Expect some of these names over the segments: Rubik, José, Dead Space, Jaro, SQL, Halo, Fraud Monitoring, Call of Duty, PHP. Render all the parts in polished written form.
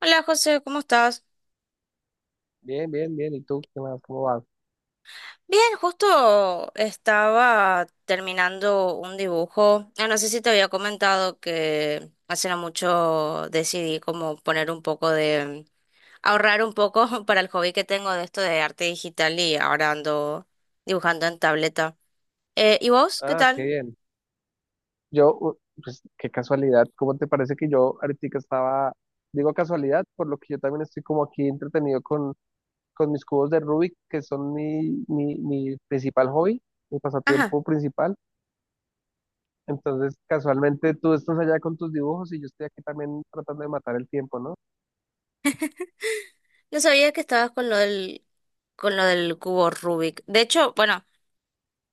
Hola José, ¿cómo estás? Bien, bien, bien. ¿Y tú qué más? ¿Cómo vas? Bien, justo estaba terminando un dibujo. Ah, no sé si te había comentado que hace no mucho decidí como poner un poco de, ahorrar un poco para el hobby que tengo de esto de arte digital y ahora ando dibujando en tableta. ¿Y vos? ¿Qué Ah, qué tal? bien. Yo, u- pues qué casualidad. ¿Cómo te parece que yo ahorita estaba, digo casualidad, por lo que yo también estoy como aquí entretenido con mis cubos de Rubik, que son mi principal hobby, mi Ajá, pasatiempo principal. Entonces, casualmente tú estás allá con tus dibujos y yo estoy aquí también tratando de matar el tiempo, ¿no? no sabía que estabas con lo del cubo Rubik. De hecho, bueno,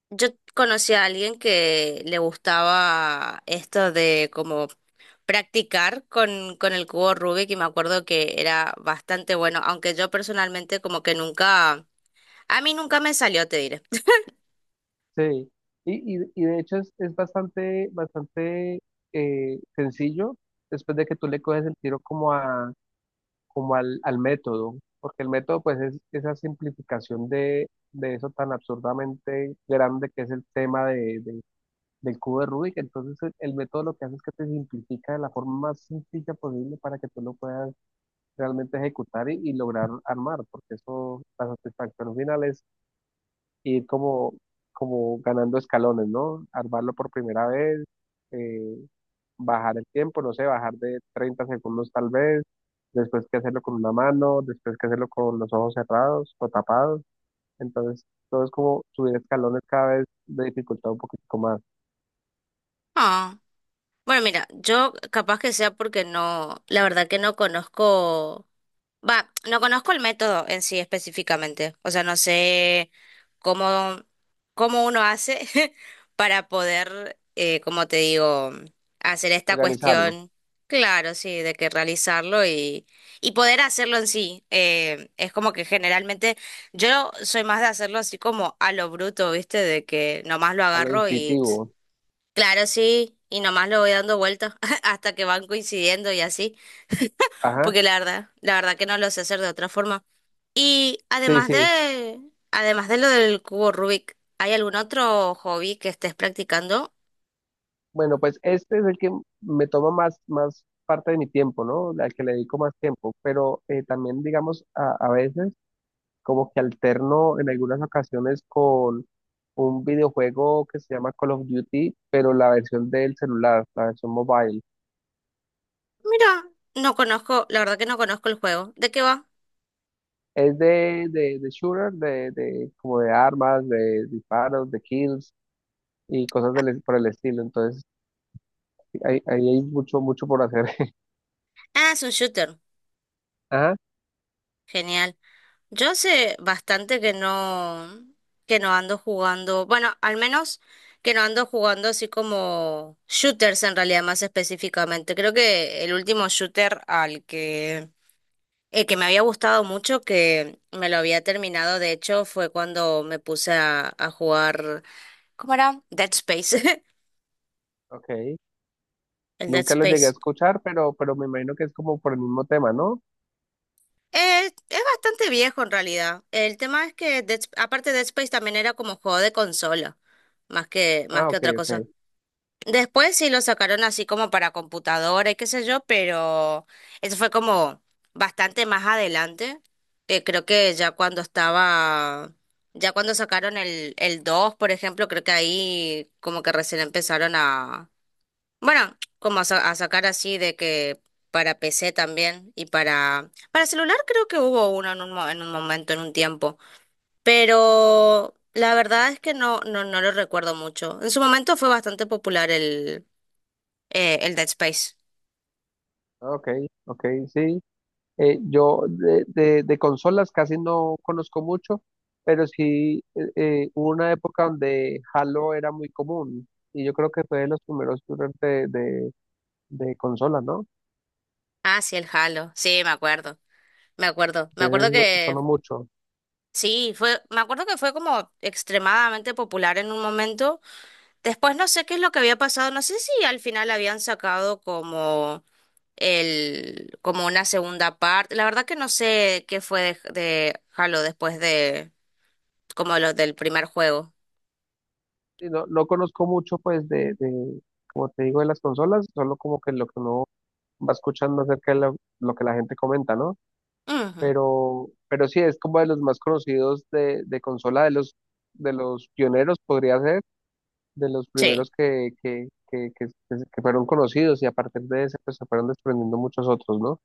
yo conocí a alguien que le gustaba esto de como practicar con el cubo Rubik y me acuerdo que era bastante bueno, aunque yo personalmente como que nunca, a mí nunca me salió, te diré. Sí. Y de hecho es bastante, bastante sencillo después de que tú le coges el tiro como al método, porque el método pues es esa simplificación de eso tan absurdamente grande que es el tema del cubo de Rubik. Entonces el método lo que hace es que te simplifica de la forma más sencilla posible para que tú lo puedas realmente ejecutar y lograr armar, porque eso, la satisfacción final es ir como ganando escalones, ¿no? Armarlo por primera vez. eh, Bajar el tiempo, no sé, bajar de 30 segundos tal vez, después que hacerlo con una mano, después que hacerlo con los ojos cerrados o tapados. Entonces, todo es como subir escalones cada vez de dificultad un poquito más. Ah, bueno, mira, yo capaz que sea porque no, la verdad que no conozco. Va, no conozco el método en sí específicamente, o sea, no sé cómo, cómo uno hace para poder, como te digo, hacer esta Organizarlo. cuestión, claro, sí, de que realizarlo y poder hacerlo en sí. Es como que generalmente yo soy más de hacerlo así como a lo bruto, ¿viste? De que nomás lo A lo agarro y, tss, intuitivo. claro, sí, y nomás lo voy dando vueltas hasta que van coincidiendo y así, Ajá, porque la verdad que no lo sé hacer de otra forma. Y sí, sí. Además de lo del cubo Rubik, ¿hay algún otro hobby que estés practicando? Bueno, pues este es el que me toma más parte de mi tiempo, ¿no? Al que le dedico más tiempo, pero también, digamos, a veces como que alterno en algunas ocasiones con un videojuego que se llama Call of Duty, pero la versión del celular, la versión mobile. Mira, no conozco, la verdad que no conozco el juego. ¿De qué va? Es de shooter, como de armas, de disparos, de kills y cosas por el estilo. Entonces, ahí hay mucho, mucho por hacer. Ah, es un shooter. Ajá, Genial. Yo hace bastante que no ando jugando, bueno, al menos que no ando jugando así como shooters en realidad más específicamente. Creo que el último shooter al que, el que me había gustado mucho, que me lo había terminado, de hecho, fue cuando me puse a jugar, ¿cómo era? Dead Space. ok. El Dead Nunca lo llegué a Space. escuchar, pero me imagino que es como por el mismo tema, ¿no? Es bastante viejo en realidad. El tema es que, Dead Sp- aparte Dead Space también era como juego de consola, más Ah, que ok, otra cosa. ok. Después sí lo sacaron así como para computadora y qué sé yo, pero eso fue como bastante más adelante. Creo que ya cuando estaba, ya cuando sacaron el 2, por ejemplo, creo que ahí como que recién empezaron a, bueno, como a, sa- a sacar así de que para PC también y para celular creo que hubo uno en un, mo- en un momento, en un tiempo, pero la verdad es que no, no lo recuerdo mucho. En su momento fue bastante popular, el Dead Space. Ah, ok, ok, sí. Yo de consolas casi no conozco mucho, pero sí hubo una época donde Halo era muy común y yo creo que fue de los primeros shooters de consolas, ¿no? Ah, sí, el Halo. Sí, me acuerdo. Me acuerdo. Me Entonces acuerdo eso sonó que mucho. sí, fue, me acuerdo que fue como extremadamente popular en un momento. Después no sé qué es lo que había pasado. No sé si al final habían sacado como el, como una segunda parte. La verdad que no sé qué fue de Halo después de, como los del primer juego. Y no conozco mucho pues como te digo, de las consolas, solo como que lo que uno va escuchando acerca de lo que la gente comenta, ¿no? Ujú, Pero sí, es como de los más conocidos de consola, de los pioneros, podría ser de los sí. primeros que fueron conocidos y a partir de ese pues se fueron desprendiendo muchos otros, ¿no?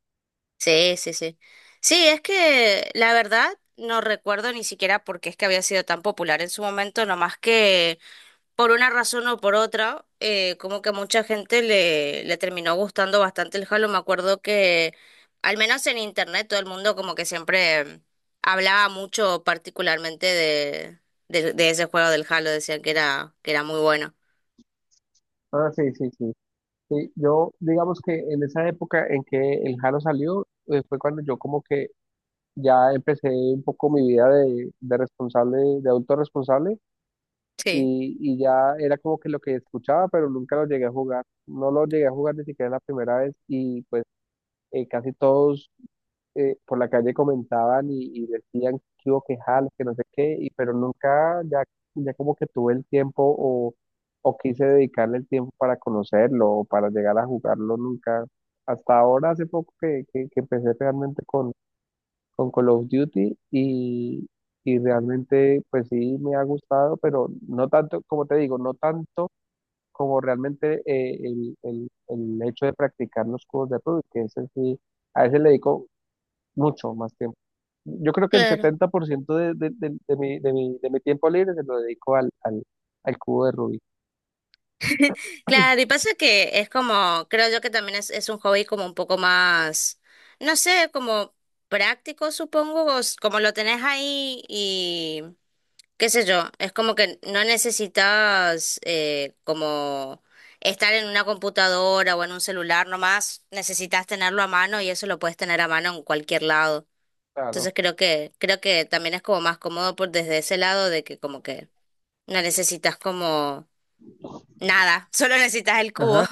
Sí, sí, sí. Sí, es que la verdad no recuerdo ni siquiera por qué es que había sido tan popular en su momento, nomás que por una razón o por otra, como que mucha gente le, le terminó gustando bastante el Halo. Me acuerdo que, al menos en internet, todo el mundo como que siempre hablaba mucho particularmente de ese juego del Halo, decían que era muy bueno. Ah, sí, sí, sí. Sí, yo digamos que en esa época en que el Jaro salió, fue cuando yo como que ya empecé un poco mi vida de responsable, de adulto responsable Sí, y ya era como que lo que escuchaba, pero nunca lo llegué a jugar. No lo llegué a jugar ni siquiera la primera vez y pues casi todos por la calle comentaban y decían que hubo que jales, que no sé qué, pero nunca ya como que tuve el tiempo o quise dedicarle el tiempo para conocerlo o para llegar a jugarlo nunca. Hasta ahora, hace poco que empecé realmente con Call of Duty y realmente pues sí me ha gustado, pero no tanto, como te digo, no tanto como realmente el hecho de practicar los juegos de rol, que ese sí, a ese le dedico mucho más tiempo yo creo que el claro. 70% de mi tiempo libre se lo dedico al cubo de Rubik. Claro, y pasa que es como, creo yo que también es un hobby como un poco más, no sé, como práctico, supongo, o s- como lo tenés ahí y qué sé yo, es como que no necesitas como estar en una computadora o en un celular nomás, necesitas tenerlo a mano y eso lo puedes tener a mano en cualquier lado. Claro. Entonces creo que también es como más cómodo por desde ese lado de que como que no necesitas como nada, solo necesitas el cubo. Ajá.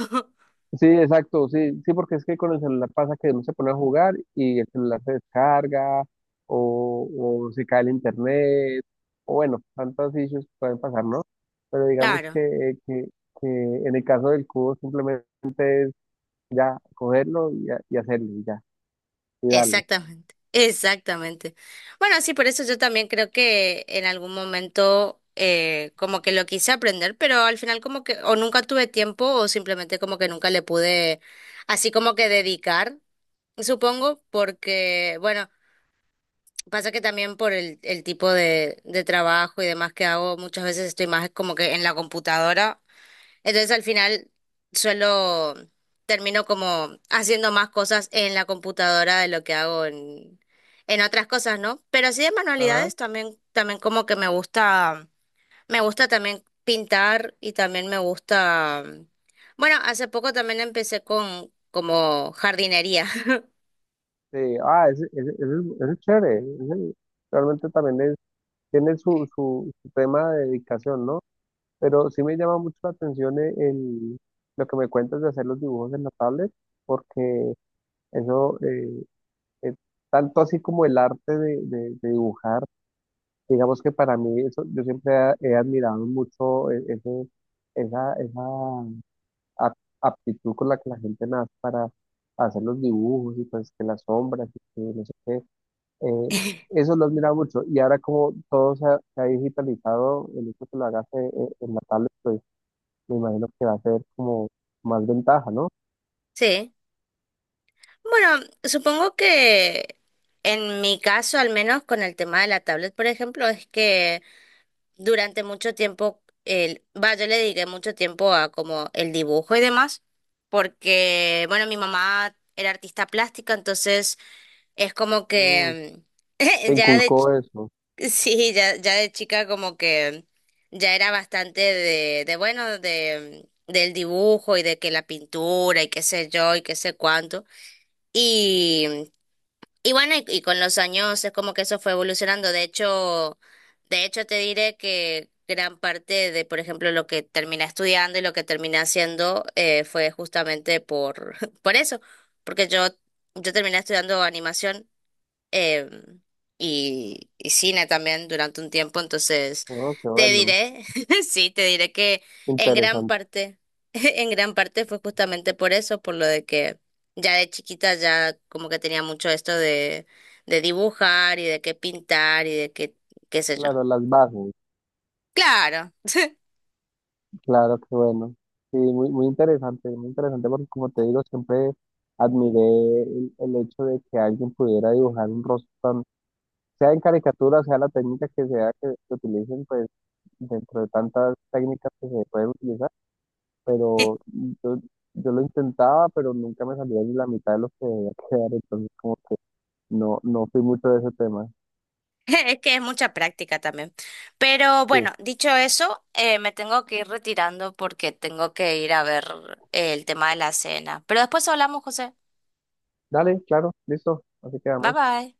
Sí, exacto. Sí, sí, porque es que con el celular pasa que uno se pone a jugar y el celular se descarga o, o se cae el internet. O bueno, tantos issues que pueden pasar, ¿no? Pero digamos Claro, que en el caso del cubo simplemente es ya cogerlo y hacerlo y ya, y darle. exactamente, exactamente. Bueno, sí, por eso yo también creo que en algún momento como que lo quise aprender, pero al final como que o nunca tuve tiempo o simplemente como que nunca le pude así como que dedicar, supongo, porque bueno, pasa que también por el tipo de trabajo y demás que hago, muchas veces estoy más como que en la computadora. Entonces al final suelo, termino como haciendo más cosas en la computadora de lo que hago en otras cosas, ¿no? Pero así de Ajá. manualidades también, también como que me gusta también pintar y también me gusta, bueno, hace poco también empecé con como jardinería. Sí, ah, ese es chévere, ese realmente también tiene su tema de dedicación, ¿no? Pero sí me llama mucho la atención lo que me cuentas de hacer los dibujos en la tablet, porque eso, es tanto así como el arte de dibujar, digamos que para mí, eso, yo siempre he admirado mucho esa aptitud con la que la gente nace para hacer los dibujos y pues que las sombras y que no sé qué. Eh, Eso lo admira mucho. Y ahora como todo se ha digitalizado, el hecho que lo hagas en la tablet, pues me imagino que va a ser como más ventaja, ¿no? Sí. Bueno, supongo que en mi caso, al menos con el tema de la tablet, por ejemplo, es que durante mucho tiempo, el, va, yo le dediqué mucho tiempo a como el dibujo y demás, porque, bueno, mi mamá era artista plástica, entonces es como Mm, que te mm, ya de, ch- inculcó eso. sí, ya, ya de chica como que ya era bastante de bueno, de, del dibujo y de que la pintura y qué sé yo y qué sé cuánto. Y y bueno, y con los años es como que eso fue evolucionando. De hecho te diré que gran parte de, por ejemplo, lo que terminé estudiando y lo que terminé haciendo fue justamente por, por eso, porque yo terminé estudiando animación, eh, y cine también durante un tiempo, entonces Oh, qué te bueno. diré, sí, te diré que en gran Interesante. parte, en gran parte fue justamente por eso, por lo de que ya de chiquita ya como que tenía mucho esto de dibujar y de qué pintar y de qué, qué sé yo. Claro, las bases. Claro. Claro, qué bueno. Sí, muy, muy interesante porque como te digo, siempre admiré el hecho de que alguien pudiera dibujar un rostro sea en caricatura, sea la técnica que sea que se utilicen, pues dentro de tantas técnicas que se pueden utilizar pero yo, yo lo intentaba, pero nunca me salía ni la mitad de lo que debía quedar, entonces como que no fui mucho de ese tema. Es que es mucha práctica también. Pero Sí, bueno, dicho eso, me tengo que ir retirando porque tengo que ir a ver el tema de la cena. Pero después hablamos, José. dale, claro, listo, así Bye quedamos. bye.